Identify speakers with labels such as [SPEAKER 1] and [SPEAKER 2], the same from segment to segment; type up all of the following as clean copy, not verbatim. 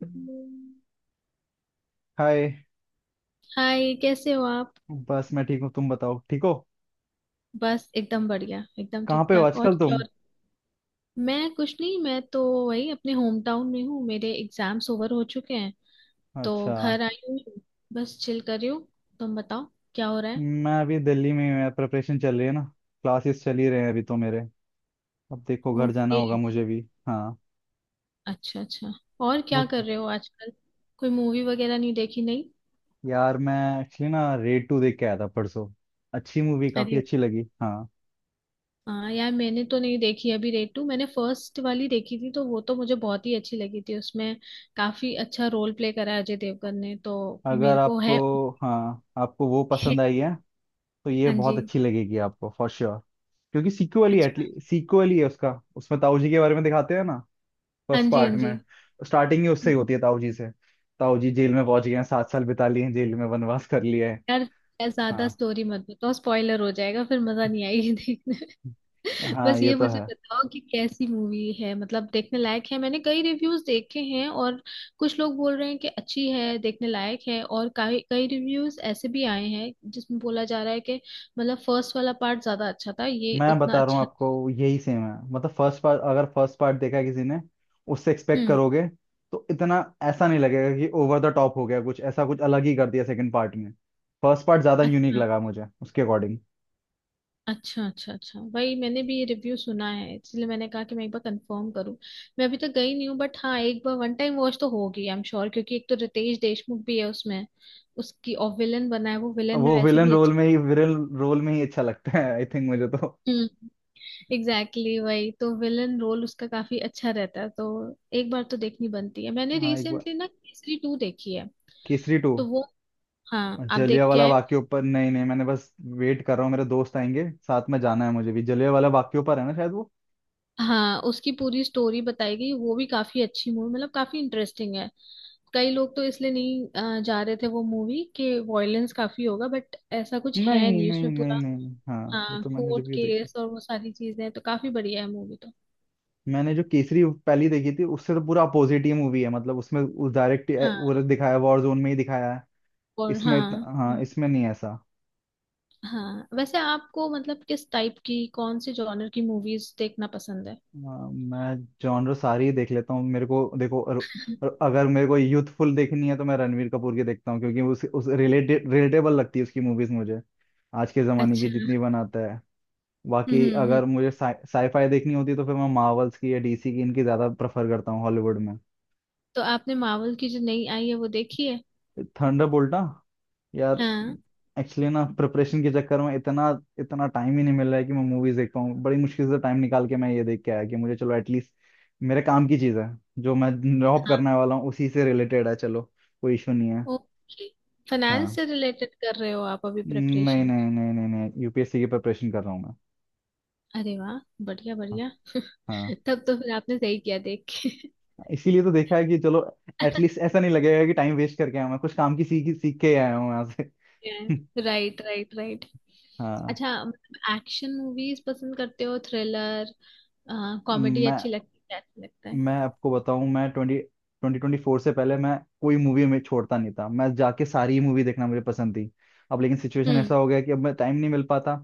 [SPEAKER 1] हाय।
[SPEAKER 2] Hi, कैसे हो आप?
[SPEAKER 1] बस मैं ठीक हूँ, तुम बताओ, ठीक हो?
[SPEAKER 2] बस एकदम बढ़िया, एकदम
[SPEAKER 1] कहाँ
[SPEAKER 2] ठीक
[SPEAKER 1] पे हो
[SPEAKER 2] ठाक। और
[SPEAKER 1] आजकल
[SPEAKER 2] क्या?
[SPEAKER 1] तुम?
[SPEAKER 2] और मैं कुछ नहीं, मैं तो वही अपने होम टाउन में हूँ। मेरे एग्जाम्स ओवर हो चुके हैं तो
[SPEAKER 1] अच्छा।
[SPEAKER 2] घर आई हुई हूँ। बस चिल कर रही हूँ। तुम बताओ, क्या हो रहा है?
[SPEAKER 1] मैं अभी दिल्ली में हूँ, प्रिपरेशन चल रही है ना। क्लासेस चल ही रहे हैं अभी तो मेरे। अब देखो, घर जाना
[SPEAKER 2] ओके।
[SPEAKER 1] होगा मुझे भी। हाँ।
[SPEAKER 2] अच्छा अच्छा। और
[SPEAKER 1] वो-
[SPEAKER 2] क्या कर रहे हो आजकल? कोई मूवी वगैरह नहीं देखी? नहीं?
[SPEAKER 1] यार, मैं एक्चुअली ना रेड टू देख के आया था परसों। अच्छी मूवी, काफी
[SPEAKER 2] अरे
[SPEAKER 1] अच्छी लगी। हाँ,
[SPEAKER 2] हाँ यार, मैंने तो नहीं देखी अभी रेड टू। मैंने फर्स्ट वाली देखी थी तो वो तो मुझे बहुत ही अच्छी लगी थी। उसमें काफी अच्छा रोल प्ले करा है अजय देवगन ने तो,
[SPEAKER 1] अगर
[SPEAKER 2] मेरे को
[SPEAKER 1] आपको,
[SPEAKER 2] है।
[SPEAKER 1] हाँ आपको वो पसंद आई है तो ये
[SPEAKER 2] हाँ
[SPEAKER 1] बहुत
[SPEAKER 2] जी।
[SPEAKER 1] अच्छी लगेगी आपको फॉर श्योर। क्योंकि सीक्वल ही
[SPEAKER 2] अच्छा।
[SPEAKER 1] एटली सीक्वल ही है उसका, उसमें ताऊ जी के बारे में दिखाते हैं ना।
[SPEAKER 2] हाँ
[SPEAKER 1] फर्स्ट
[SPEAKER 2] जी,
[SPEAKER 1] पार्ट
[SPEAKER 2] हाँ जी।
[SPEAKER 1] में स्टार्टिंग ही उससे ही
[SPEAKER 2] हम्म।
[SPEAKER 1] होती है, ताऊ जी से। ताऊ जी जेल में पहुंच गए हैं, सात साल बिता लिए हैं जेल में, वनवास कर लिए हैं।
[SPEAKER 2] यार, यार ज्यादा
[SPEAKER 1] हाँ
[SPEAKER 2] स्टोरी मत बताओ, स्पॉइलर हो जाएगा, फिर मजा नहीं आएगी देखने में।
[SPEAKER 1] हाँ,
[SPEAKER 2] बस
[SPEAKER 1] ये
[SPEAKER 2] ये
[SPEAKER 1] तो
[SPEAKER 2] मुझे
[SPEAKER 1] है।
[SPEAKER 2] बताओ कि कैसी मूवी है, मतलब देखने लायक है? मैंने कई रिव्यूज देखे हैं और कुछ लोग बोल रहे हैं कि अच्छी है, देखने लायक है, और कई कई रिव्यूज ऐसे भी आए हैं जिसमें बोला जा रहा है कि मतलब फर्स्ट वाला पार्ट ज्यादा अच्छा था, ये
[SPEAKER 1] मैं
[SPEAKER 2] उतना
[SPEAKER 1] बता रहा हूँ
[SPEAKER 2] अच्छा।
[SPEAKER 1] आपको, यही सेम है। मतलब फर्स्ट पार्ट अगर फर्स्ट पार्ट देखा है किसी ने उससे एक्सपेक्ट
[SPEAKER 2] हम्म।
[SPEAKER 1] करोगे तो इतना ऐसा नहीं लगेगा कि ओवर द टॉप हो गया, कुछ ऐसा कुछ अलग ही कर दिया सेकंड पार्ट में। फर्स्ट पार्ट ज्यादा यूनिक
[SPEAKER 2] अच्छा,
[SPEAKER 1] लगा मुझे उसके अकॉर्डिंग।
[SPEAKER 2] अच्छा अच्छा अच्छा, वही मैंने भी ये रिव्यू सुना है, इसलिए मैंने कहा कि मैं एक बार कंफर्म करूं। मैं अभी तक गई नहीं हूँ, बट हाँ, एक बार वन टाइम वॉच तो होगी, आई एम श्योर। क्योंकि एक तो रितेश देशमुख भी है उसमें, उसकी और विलन बना है वो। विलन में
[SPEAKER 1] वो
[SPEAKER 2] वैसे
[SPEAKER 1] विलन
[SPEAKER 2] भी
[SPEAKER 1] रोल
[SPEAKER 2] अच्छा।
[SPEAKER 1] में ही, विलन रोल में ही अच्छा लगता है आई थिंक मुझे तो।
[SPEAKER 2] हम्म। एग्जैक्टली, exactly, वही तो विलन रोल उसका काफी अच्छा रहता है, तो एक बार तो देखनी बनती है। मैंने
[SPEAKER 1] हाँ एक बार।
[SPEAKER 2] रिसेंटली ना केसरी टू देखी है
[SPEAKER 1] केसरी टू।
[SPEAKER 2] तो वो, हाँ आप
[SPEAKER 1] जलिया
[SPEAKER 2] देख के
[SPEAKER 1] वाला
[SPEAKER 2] आए हो?
[SPEAKER 1] वाक्य ऊपर नहीं, नहीं मैंने बस वेट कर रहा हूँ, मेरे दोस्त आएंगे साथ में, जाना है मुझे भी। जलिया वाला वाक्य ऊपर है ना शायद वो।
[SPEAKER 2] हाँ उसकी पूरी स्टोरी बताई गई, वो भी काफी अच्छी मूवी, मतलब काफी इंटरेस्टिंग है। कई लोग तो इसलिए नहीं जा रहे थे वो मूवी, कि वॉयलेंस काफी होगा, बट ऐसा कुछ है
[SPEAKER 1] नहीं
[SPEAKER 2] नहीं
[SPEAKER 1] नहीं
[SPEAKER 2] उसमें
[SPEAKER 1] नहीं
[SPEAKER 2] पूरा।
[SPEAKER 1] नहीं, हाँ वो
[SPEAKER 2] हाँ
[SPEAKER 1] तो मैंने
[SPEAKER 2] कोर्ट
[SPEAKER 1] रिव्यू देखी।
[SPEAKER 2] केस और वो सारी चीजें हैं, तो काफी बढ़िया है मूवी तो।
[SPEAKER 1] मैंने जो केसरी पहली देखी थी उससे तो पूरा अपोजिट ही मूवी है, मतलब उसमें उस डायरेक्ट,
[SPEAKER 2] हाँ।
[SPEAKER 1] वो दिखाया वॉर जोन में ही दिखाया है।
[SPEAKER 2] और हाँ।
[SPEAKER 1] हाँ
[SPEAKER 2] हम्म,
[SPEAKER 1] इसमें नहीं है ऐसा।
[SPEAKER 2] हाँ वैसे आपको मतलब किस टाइप की, कौन से जॉनर की मूवीज देखना पसंद है?
[SPEAKER 1] हाँ, मैं जॉनर सारी ही देख लेता हूँ। मेरे को देखो, अगर मेरे को यूथफुल देखनी है तो मैं रणवीर कपूर की देखता हूँ, क्योंकि उस रिलेटेड रिलेटेबल लगती है उसकी मूवीज मुझे, आज के जमाने की
[SPEAKER 2] अच्छा।
[SPEAKER 1] जितनी बनाता है। बाकी
[SPEAKER 2] हम्म।
[SPEAKER 1] अगर मुझे साईफाई देखनी होती तो फिर मैं मार्वल्स की या डीसी की, इनकी ज्यादा प्रेफर करता हूँ हॉलीवुड में।
[SPEAKER 2] तो आपने मार्वल की जो नई आई है वो देखी है?
[SPEAKER 1] थंडरबोल्ट ना। यार
[SPEAKER 2] हाँ।
[SPEAKER 1] एक्चुअली ना प्रिपरेशन के चक्कर में इतना, इतना टाइम ही नहीं मिल रहा है कि मैं मूवीज देख पाऊँ। बड़ी मुश्किल से टाइम निकाल के मैं ये देख के आया कि मुझे चलो एटलीस्ट मेरे काम की चीज़ है, जो मैं जॉब
[SPEAKER 2] हाँ।
[SPEAKER 1] करने वाला हूँ उसी से रिलेटेड है, चलो कोई इशू नहीं है।
[SPEAKER 2] ओके। फाइनेंस
[SPEAKER 1] हाँ।
[SPEAKER 2] से रिलेटेड कर रहे हो आप अभी
[SPEAKER 1] नहीं
[SPEAKER 2] प्रिपरेशन?
[SPEAKER 1] नहीं नहीं नहीं नहीं, यूपीएससी की प्रिपरेशन कर रहा हूँ मैं।
[SPEAKER 2] अरे वाह, बढ़िया
[SPEAKER 1] हाँ
[SPEAKER 2] बढ़िया।
[SPEAKER 1] हाँ।
[SPEAKER 2] तब तो फिर आपने सही किया देख के।
[SPEAKER 1] इसीलिए तो देखा है कि चलो एटलीस्ट ऐसा नहीं लगेगा कि टाइम वेस्ट करके आया हूं, मैं कुछ काम की सीख सीख के आया हूँ यहाँ से।
[SPEAKER 2] Right right right.
[SPEAKER 1] हाँ।
[SPEAKER 2] अच्छा, मतलब एक्शन मूवीज पसंद करते हो? थ्रिलर, कॉमेडी
[SPEAKER 1] मैं
[SPEAKER 2] अच्छी लगती है क्या? अच्छा लगता है?
[SPEAKER 1] मैं आपको बताऊं, मैं ट्वेंटी 2024 से पहले मैं कोई मूवी में छोड़ता नहीं था, मैं जाके सारी मूवी देखना मुझे पसंद थी। अब लेकिन सिचुएशन
[SPEAKER 2] हम्म।
[SPEAKER 1] ऐसा हो गया कि अब मैं टाइम नहीं मिल पाता।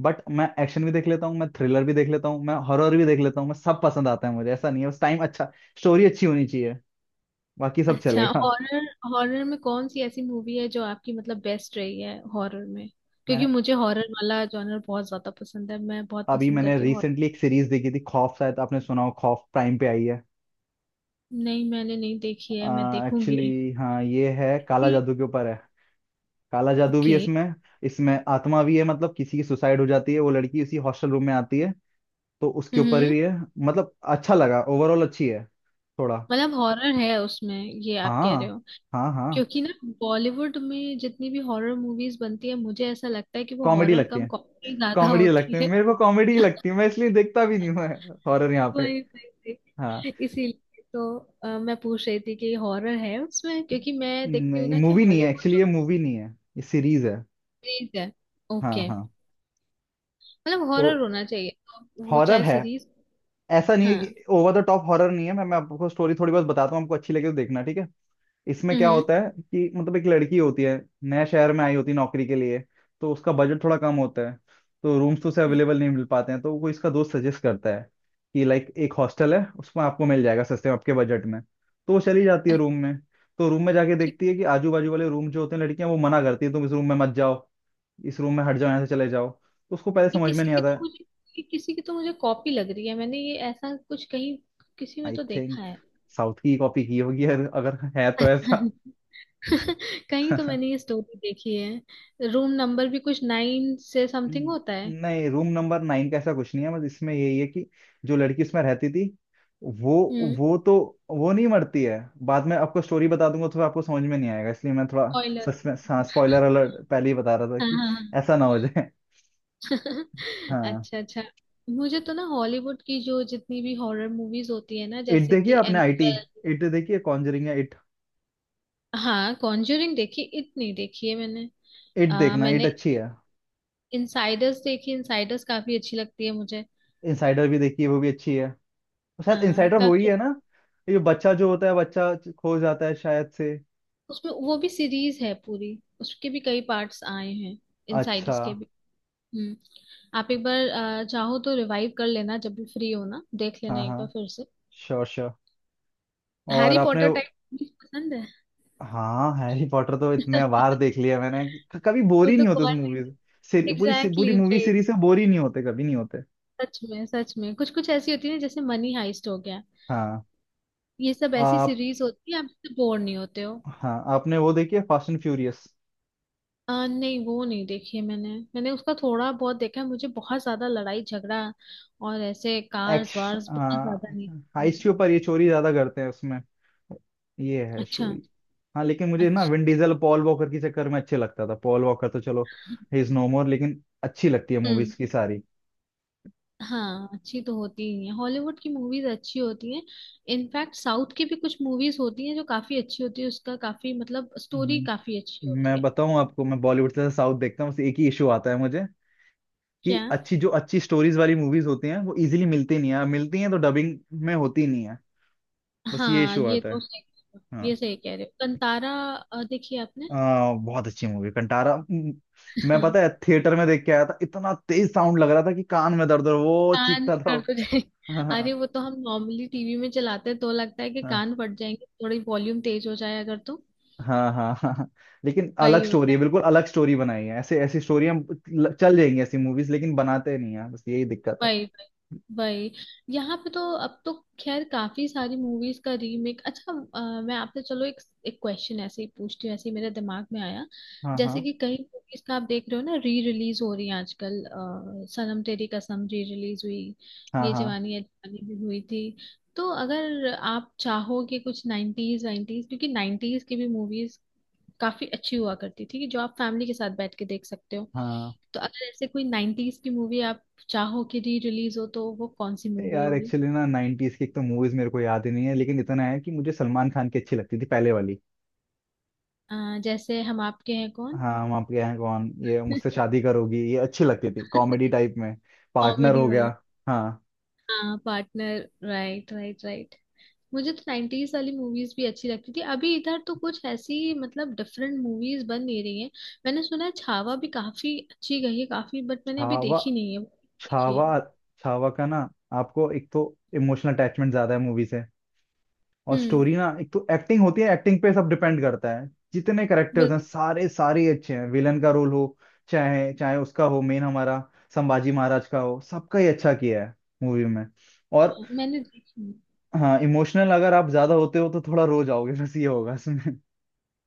[SPEAKER 1] बट मैं एक्शन भी देख लेता हूँ, मैं थ्रिलर भी देख लेता हूँ, मैं हॉरर भी देख लेता हूँ, मैं सब पसंद आता है मुझे, ऐसा नहीं है। बस टाइम अच्छा, स्टोरी अच्छी होनी चाहिए, बाकी सब
[SPEAKER 2] अच्छा,
[SPEAKER 1] चलेगा।
[SPEAKER 2] हॉरर, हॉरर में कौन सी ऐसी मूवी है जो आपकी मतलब बेस्ट रही है हॉरर में? क्योंकि
[SPEAKER 1] मैंने,
[SPEAKER 2] मुझे हॉरर वाला जॉनर बहुत ज्यादा पसंद है, मैं बहुत
[SPEAKER 1] अभी
[SPEAKER 2] पसंद
[SPEAKER 1] मैंने
[SPEAKER 2] करती हूँ हॉरर।
[SPEAKER 1] रिसेंटली एक सीरीज देखी थी खौफ, शायद आपने सुना हो। खौफ प्राइम पे आई है।
[SPEAKER 2] नहीं मैंने नहीं देखी है, मैं देखूंगी।
[SPEAKER 1] एक्चुअली, हाँ ये है, काला जादू के ऊपर है। काला जादू भी
[SPEAKER 2] ओके।
[SPEAKER 1] इसमें इसमें आत्मा भी है, मतलब किसी की सुसाइड हो जाती है, वो लड़की इसी हॉस्टल रूम में आती है, तो उसके ऊपर
[SPEAKER 2] हम्म।
[SPEAKER 1] भी है। मतलब अच्छा लगा, ओवरऑल अच्छी है थोड़ा।
[SPEAKER 2] मतलब हॉरर है उसमें, ये आप कह
[SPEAKER 1] हाँ
[SPEAKER 2] रहे हो?
[SPEAKER 1] हाँ हाँ।
[SPEAKER 2] क्योंकि ना, बॉलीवुड में जितनी भी हॉरर मूवीज बनती है, मुझे ऐसा लगता है कि वो
[SPEAKER 1] कॉमेडी
[SPEAKER 2] हॉरर
[SPEAKER 1] लगती
[SPEAKER 2] कम
[SPEAKER 1] है,
[SPEAKER 2] कॉमेडी ज्यादा
[SPEAKER 1] कॉमेडी
[SPEAKER 2] होती
[SPEAKER 1] लगती है
[SPEAKER 2] है।
[SPEAKER 1] मेरे को, कॉमेडी लगती है, मैं इसलिए देखता भी नहीं हूँ हॉरर यहाँ पे।
[SPEAKER 2] वही वही
[SPEAKER 1] हाँ
[SPEAKER 2] वही। इसीलिए तो मैं पूछ रही थी कि हॉरर है उसमें, क्योंकि मैं देखती हूँ
[SPEAKER 1] नहीं,
[SPEAKER 2] ना कि
[SPEAKER 1] मूवी नहीं है
[SPEAKER 2] हॉलीवुड
[SPEAKER 1] एक्चुअली,
[SPEAKER 2] जो।
[SPEAKER 1] ये मूवी नहीं है, ये सीरीज है।
[SPEAKER 2] सीरीज है।
[SPEAKER 1] हाँ
[SPEAKER 2] ओके।
[SPEAKER 1] हाँ।
[SPEAKER 2] मतलब
[SPEAKER 1] तो
[SPEAKER 2] हॉरर होना चाहिए, तो वो
[SPEAKER 1] हॉरर
[SPEAKER 2] चाहे
[SPEAKER 1] है,
[SPEAKER 2] सीरीज।
[SPEAKER 1] ऐसा नहीं है
[SPEAKER 2] हाँ।
[SPEAKER 1] कि ओवर द टॉप हॉरर नहीं है। मैं आपको स्टोरी थोड़ी बहुत बताता हूँ, आपको अच्छी लगे तो देखना ठीक है। इसमें क्या
[SPEAKER 2] हम्म।
[SPEAKER 1] होता है कि मतलब एक लड़की होती है, नए शहर में आई होती है नौकरी के लिए। तो उसका बजट थोड़ा कम होता है, तो रूम्स तो उसे अवेलेबल नहीं मिल पाते हैं, तो कोई इसका दोस्त सजेस्ट करता है कि लाइक एक हॉस्टल है, उसमें आपको मिल जाएगा सस्ते में आपके बजट में। तो वो चली जाती
[SPEAKER 2] अ,
[SPEAKER 1] है रूम में। तो रूम में जाके
[SPEAKER 2] ठीक।
[SPEAKER 1] देखती है कि आजू बाजू वाले रूम जो होते हैं, लड़कियां वो मना करती है, तुम इस रूम में मत जाओ, इस रूम में हट जाओ, यहाँ से चले जाओ। तो उसको पहले
[SPEAKER 2] ये
[SPEAKER 1] समझ
[SPEAKER 2] किसी
[SPEAKER 1] में नहीं
[SPEAKER 2] की
[SPEAKER 1] आता
[SPEAKER 2] तो
[SPEAKER 1] है।
[SPEAKER 2] मुझे ये किसी की तो मुझे कॉपी लग रही है, मैंने ये ऐसा कुछ कहीं, किसी में
[SPEAKER 1] आई
[SPEAKER 2] तो देखा
[SPEAKER 1] थिंक साउथ की कॉपी की होगी, अगर अगर है
[SPEAKER 2] है।
[SPEAKER 1] तो, ऐसा।
[SPEAKER 2] कहीं तो मैंने ये स्टोरी देखी है, रूम नंबर भी कुछ 9 से समथिंग
[SPEAKER 1] हम्म,
[SPEAKER 2] होता है।
[SPEAKER 1] नहीं रूम नंबर 9 का ऐसा कुछ नहीं है, बस इसमें यही है कि जो लड़की उसमें रहती थी, वो
[SPEAKER 2] हम्म।
[SPEAKER 1] वो तो वो नहीं मरती है। बाद में आपको स्टोरी बता दूंगा तो आपको समझ में नहीं आएगा, इसलिए मैं थोड़ा
[SPEAKER 2] ऑयलर।
[SPEAKER 1] सस्पेंस, हाँ स्पॉइलर अलर्ट पहले ही बता रहा था
[SPEAKER 2] हाँ
[SPEAKER 1] कि
[SPEAKER 2] हाँ
[SPEAKER 1] ऐसा ना हो जाए।
[SPEAKER 2] हाँ।
[SPEAKER 1] हाँ।
[SPEAKER 2] अच्छा अच्छा। मुझे तो ना, हॉलीवुड की जो जितनी भी हॉरर मूवीज होती है ना,
[SPEAKER 1] इट
[SPEAKER 2] जैसे
[SPEAKER 1] देखिए,
[SPEAKER 2] कि
[SPEAKER 1] आपने आईटी,
[SPEAKER 2] एनाबेल।
[SPEAKER 1] इट देखिए, कॉन्जरिंग है, इट।
[SPEAKER 2] हाँ कॉन्जरिंग देखी, इतनी देखी है मैंने।
[SPEAKER 1] इट देखना, इट
[SPEAKER 2] मैंने
[SPEAKER 1] अच्छी है।
[SPEAKER 2] इनसाइडर्स देखी, इनसाइडर्स काफी अच्छी लगती है मुझे।
[SPEAKER 1] इनसाइडर भी देखिए, वो भी अच्छी है। शायद
[SPEAKER 2] हाँ
[SPEAKER 1] इनसाइडर वो ही है
[SPEAKER 2] काफी।
[SPEAKER 1] ना, ये बच्चा जो होता है, बच्चा खो जाता है शायद से।
[SPEAKER 2] उसमें वो भी सीरीज है पूरी, उसके भी कई पार्ट्स आए हैं
[SPEAKER 1] अच्छा।
[SPEAKER 2] इनसाइडर्स के भी। हम्म। आप एक बार चाहो तो रिवाइव कर लेना, जब भी फ्री हो ना देख लेना
[SPEAKER 1] हाँ
[SPEAKER 2] एक बार
[SPEAKER 1] हाँ,
[SPEAKER 2] फिर से।
[SPEAKER 1] Sure sure. और
[SPEAKER 2] हैरी
[SPEAKER 1] आपने,
[SPEAKER 2] पॉटर टाइप पसंद है?
[SPEAKER 1] हाँ हैरी पॉटर तो इतने बार देख लिया मैंने कि कभी बोर
[SPEAKER 2] वो
[SPEAKER 1] ही
[SPEAKER 2] तो
[SPEAKER 1] नहीं होते
[SPEAKER 2] कौन।
[SPEAKER 1] उस मूवी से। पूरी
[SPEAKER 2] एग्जैक्टली, exactly,
[SPEAKER 1] मूवी
[SPEAKER 2] भाई
[SPEAKER 1] सीरीज से बोर ही नहीं होते, कभी नहीं होते।
[SPEAKER 2] सच में सच में, कुछ कुछ ऐसी होती है ना, जैसे मनी हाइस्ट हो गया,
[SPEAKER 1] हाँ।
[SPEAKER 2] ये सब ऐसी
[SPEAKER 1] आप,
[SPEAKER 2] सीरीज होती है आप इससे बोर नहीं होते हो।
[SPEAKER 1] हाँ आपने वो देखी है, फास्ट एंड फ्यूरियस।
[SPEAKER 2] नहीं वो नहीं देखी है मैंने, मैंने उसका थोड़ा बहुत देखा है। मुझे बहुत ज्यादा लड़ाई झगड़ा और ऐसे कार्स
[SPEAKER 1] एक्श
[SPEAKER 2] वार्स बहुत ज्यादा नहीं पसंद
[SPEAKER 1] हाइस्ट
[SPEAKER 2] है।
[SPEAKER 1] के ऊपर, ये चोरी ज्यादा करते हैं उसमें, ये है
[SPEAKER 2] अच्छा।
[SPEAKER 1] स्टोरी। हाँ लेकिन मुझे ना
[SPEAKER 2] अच्छा।
[SPEAKER 1] विन डीजल, पॉल वॉकर के चक्कर में अच्छे लगता था। पॉल वॉकर तो चलो, ही इज नो मोर, लेकिन अच्छी लगती है
[SPEAKER 2] हम्म।
[SPEAKER 1] मूवीज की सारी।
[SPEAKER 2] हाँ अच्छी तो होती ही है, हॉलीवुड की मूवीज अच्छी होती हैं। इनफैक्ट साउथ की भी कुछ मूवीज होती हैं जो काफी अच्छी होती है, उसका काफी मतलब स्टोरी
[SPEAKER 1] हम्म,
[SPEAKER 2] काफी अच्छी होती
[SPEAKER 1] मैं
[SPEAKER 2] है।
[SPEAKER 1] बताऊं आपको, मैं बॉलीवुड से साउथ देखता हूँ, बस एक ही इशू आता है मुझे कि
[SPEAKER 2] क्या?
[SPEAKER 1] अच्छी जो अच्छी स्टोरीज वाली मूवीज होती हैं वो इजीली मिलती नहीं है, मिलती हैं तो डबिंग में होती नहीं है, बस ये
[SPEAKER 2] हाँ
[SPEAKER 1] इशू
[SPEAKER 2] ये
[SPEAKER 1] आता
[SPEAKER 2] तो
[SPEAKER 1] है।
[SPEAKER 2] सही कह रहे हो, ये
[SPEAKER 1] हाँ।
[SPEAKER 2] सही कह रहे हो। कंतारा देखी आपने?
[SPEAKER 1] बहुत अच्छी मूवी कंटारा। मैं,
[SPEAKER 2] हाँ,
[SPEAKER 1] पता है थिएटर में देख के आया था, इतना तेज साउंड लग रहा था कि कान में दर्द हो रहा- वो
[SPEAKER 2] कान
[SPEAKER 1] चीखता था
[SPEAKER 2] कर
[SPEAKER 1] वो।
[SPEAKER 2] तो जाए।
[SPEAKER 1] हाँ हाँ
[SPEAKER 2] अरे वो तो हम नॉर्मली टीवी में चलाते हैं तो लगता है कि कान फट जाएंगे, थोड़ी वॉल्यूम तेज हो जाए अगर तो।
[SPEAKER 1] हाँ हाँ हाँ। लेकिन
[SPEAKER 2] वही
[SPEAKER 1] अलग स्टोरी
[SPEAKER 2] होता
[SPEAKER 1] है,
[SPEAKER 2] है।
[SPEAKER 1] बिल्कुल अलग स्टोरी बनाई है, ऐसे ऐसी स्टोरी हम चल जाएंगी ऐसी मूवीज, लेकिन बनाते नहीं है, बस यही दिक्कत है।
[SPEAKER 2] वही वही वही। यहाँ पे तो अब तो, खैर काफी सारी मूवीज का रीमेक। अच्छा मैं आपसे चलो एक एक क्वेश्चन ऐसे ही पूछती हूँ, ऐसे ही मेरे दिमाग में आया।
[SPEAKER 1] हाँ
[SPEAKER 2] जैसे
[SPEAKER 1] हाँ
[SPEAKER 2] कि कई मूवीज का आप देख रहे हो ना री रिलीज हो रही है आजकल, सनम तेरी कसम री रिलीज हुई,
[SPEAKER 1] हाँ
[SPEAKER 2] ये
[SPEAKER 1] हाँ
[SPEAKER 2] जवानी है दीवानी भी हुई थी। तो अगर आप चाहो कि कुछ नाइन्टीज वाइन्टीज, क्योंकि नाइन्टीज की भी मूवीज काफी अच्छी हुआ करती थी कि जो आप फैमिली के साथ बैठ के देख सकते हो,
[SPEAKER 1] हाँ।
[SPEAKER 2] तो अगर ऐसे कोई नाइन्टीज की मूवी आप चाहो कि री रिलीज हो, तो वो कौन सी
[SPEAKER 1] अरे
[SPEAKER 2] मूवी
[SPEAKER 1] यार,
[SPEAKER 2] होगी?
[SPEAKER 1] एक्चुअली ना 90s की एक तो मूवीज मेरे को याद ही नहीं है, लेकिन इतना है कि मुझे सलमान खान की अच्छी लगती थी पहले वाली।
[SPEAKER 2] अ, जैसे हम आपके हैं कौन।
[SPEAKER 1] हाँ, हम आपके यहाँ कौन, ये मुझसे शादी करोगी, ये अच्छी लगती थी कॉमेडी टाइप में। पार्टनर
[SPEAKER 2] कॉमेडी
[SPEAKER 1] हो गया।
[SPEAKER 2] वाली।
[SPEAKER 1] हाँ।
[SPEAKER 2] हाँ पार्टनर। Right right right. मुझे तो नाइन्टीज वाली मूवीज भी अच्छी लगती थी, अभी इधर तो कुछ ऐसी मतलब डिफरेंट मूवीज बन नहीं रही हैं। मैंने सुना है छावा भी काफी अच्छी गई है, काफी, बट मैंने अभी
[SPEAKER 1] छावा,
[SPEAKER 2] देखी नहीं है। देखी
[SPEAKER 1] छावा,
[SPEAKER 2] है?
[SPEAKER 1] छावा का ना, आपको एक तो इमोशनल अटैचमेंट ज्यादा है मूवी से। और
[SPEAKER 2] हम्म।
[SPEAKER 1] स्टोरी ना, एक तो एक्टिंग होती है, एक्टिंग पे सब डिपेंड करता है, जितने करेक्टर्स हैं
[SPEAKER 2] बिल्कुल।
[SPEAKER 1] सारे सारे ही अच्छे हैं। विलन का रोल हो चाहे चाहे उसका हो, मेन हमारा संभाजी महाराज का हो, सबका ही अच्छा किया है मूवी में। और
[SPEAKER 2] मैंने देखी
[SPEAKER 1] हाँ, इमोशनल अगर आप ज्यादा होते हो तो थोड़ा रो जाओगे, बस ये होगा इसमें।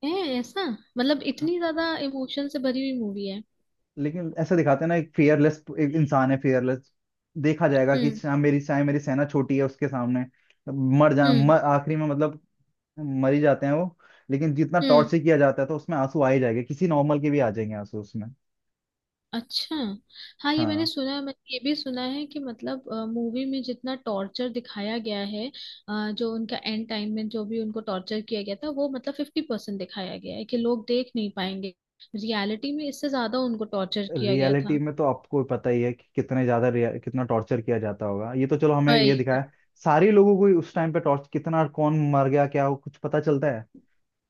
[SPEAKER 2] है। ऐसा? मतलब इतनी ज्यादा इमोशन से भरी हुई मूवी है?
[SPEAKER 1] लेकिन ऐसा दिखाते हैं ना, एक इंसान है फियरलेस, देखा जाएगा कि
[SPEAKER 2] हम्म।
[SPEAKER 1] चाहे मेरी सेना छोटी है उसके सामने।
[SPEAKER 2] हम्म।
[SPEAKER 1] आखिरी में मतलब मर ही जाते हैं वो। लेकिन जितना
[SPEAKER 2] हम्म।
[SPEAKER 1] टॉर्चर किया जाता है तो उसमें आंसू आ ही जाएंगे, किसी नॉर्मल के भी आ जाएंगे आंसू उसमें।
[SPEAKER 2] अच्छा। हाँ ये मैंने
[SPEAKER 1] हाँ।
[SPEAKER 2] सुना है, मैंने ये भी सुना है कि मतलब मूवी में जितना टॉर्चर दिखाया गया है, जो उनका एंड टाइम में जो भी उनको टॉर्चर किया गया था, वो मतलब 50% दिखाया गया है, कि लोग देख नहीं पाएंगे, रियलिटी में इससे ज्यादा उनको टॉर्चर किया गया
[SPEAKER 1] रियलिटी
[SPEAKER 2] था।
[SPEAKER 1] में तो आपको पता ही है कि कितने ज्यादा कितना टॉर्चर किया जाता होगा, ये तो चलो हमें
[SPEAKER 2] वही
[SPEAKER 1] ये दिखाया।
[SPEAKER 2] वही।
[SPEAKER 1] सारे लोगों को ही उस टाइम पे टॉर्च कितना कौन मर गया, क्या वो कुछ पता चलता है,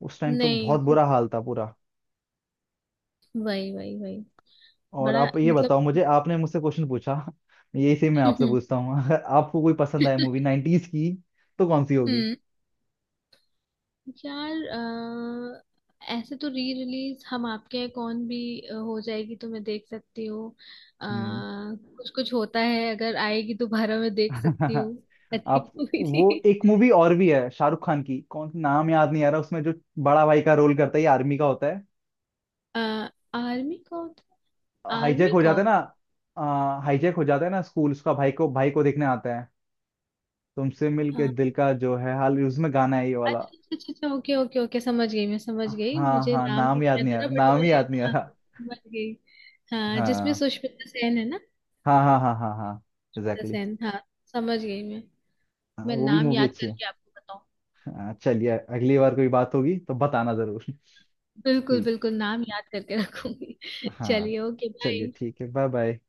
[SPEAKER 1] उस टाइम तो
[SPEAKER 2] नहीं।
[SPEAKER 1] बहुत बुरा हाल था पूरा।
[SPEAKER 2] वही वही वही।
[SPEAKER 1] और
[SPEAKER 2] बड़ा
[SPEAKER 1] आप ये
[SPEAKER 2] मतलब।
[SPEAKER 1] बताओ मुझे, आपने मुझसे क्वेश्चन पूछा, यही से मैं आपसे पूछता हूँ, अगर आपको कोई पसंद आए मूवी 90s की तो कौन सी होगी?
[SPEAKER 2] हम्म। यार अ, ऐसे तो री रिलीज हम आपके हैं कौन भी हो जाएगी तो मैं देख सकती हूँ। अ,
[SPEAKER 1] हम्म।
[SPEAKER 2] कुछ कुछ होता है अगर आएगी दोबारा मैं देख सकती हूँ, अच्छी
[SPEAKER 1] आप,
[SPEAKER 2] मूवी
[SPEAKER 1] वो
[SPEAKER 2] थी।
[SPEAKER 1] एक मूवी और भी है शाहरुख खान की, कौन, नाम याद नहीं आ रहा, उसमें जो बड़ा भाई का रोल करता है, ये आर्मी का होता है।
[SPEAKER 2] अ, आर्मी कौन?
[SPEAKER 1] हाईजैक
[SPEAKER 2] आर्मी
[SPEAKER 1] हो जाता
[SPEAKER 2] कौन?
[SPEAKER 1] है ना, हाईजैक हो जाता है ना, स्कूल उसका, भाई को देखने आता है। तुमसे
[SPEAKER 2] अ,
[SPEAKER 1] मिलके दिल का जो है हाल, उसमें गाना है ये वाला।
[SPEAKER 2] अच्छा अच्छा अच्छा अच्छा, ओके ओके ओके, समझ गई मैं, समझ गई,
[SPEAKER 1] हाँ
[SPEAKER 2] मुझे
[SPEAKER 1] हाँ,
[SPEAKER 2] नाम भी
[SPEAKER 1] नाम
[SPEAKER 2] नहीं
[SPEAKER 1] याद नहीं
[SPEAKER 2] याद
[SPEAKER 1] आ
[SPEAKER 2] आ रहा
[SPEAKER 1] रहा,
[SPEAKER 2] बट
[SPEAKER 1] नाम ही
[SPEAKER 2] मैं
[SPEAKER 1] याद नहीं आ
[SPEAKER 2] हाँ
[SPEAKER 1] रहा।
[SPEAKER 2] समझ गई। हाँ जिसमें
[SPEAKER 1] हाँ
[SPEAKER 2] सुष्मिता सेन है ना।
[SPEAKER 1] हाँ हाँ हाँ हाँ हाँ,
[SPEAKER 2] सुष्मिता
[SPEAKER 1] एग्जैक्टली।
[SPEAKER 2] सेन हाँ, समझ गई मैं।
[SPEAKER 1] हाँ,
[SPEAKER 2] मैं
[SPEAKER 1] वो भी
[SPEAKER 2] नाम
[SPEAKER 1] मूवी
[SPEAKER 2] याद
[SPEAKER 1] अच्छी है।
[SPEAKER 2] करके आपको बताऊँ।
[SPEAKER 1] हाँ चलिए अगली बार कोई बात होगी तो बताना जरूर।
[SPEAKER 2] बिल्कुल
[SPEAKER 1] ठीक।
[SPEAKER 2] बिल्कुल नाम याद करके रखूंगी।
[SPEAKER 1] हाँ
[SPEAKER 2] चलिए ओके
[SPEAKER 1] चलिए,
[SPEAKER 2] बाय।
[SPEAKER 1] ठीक है, बाय बाय।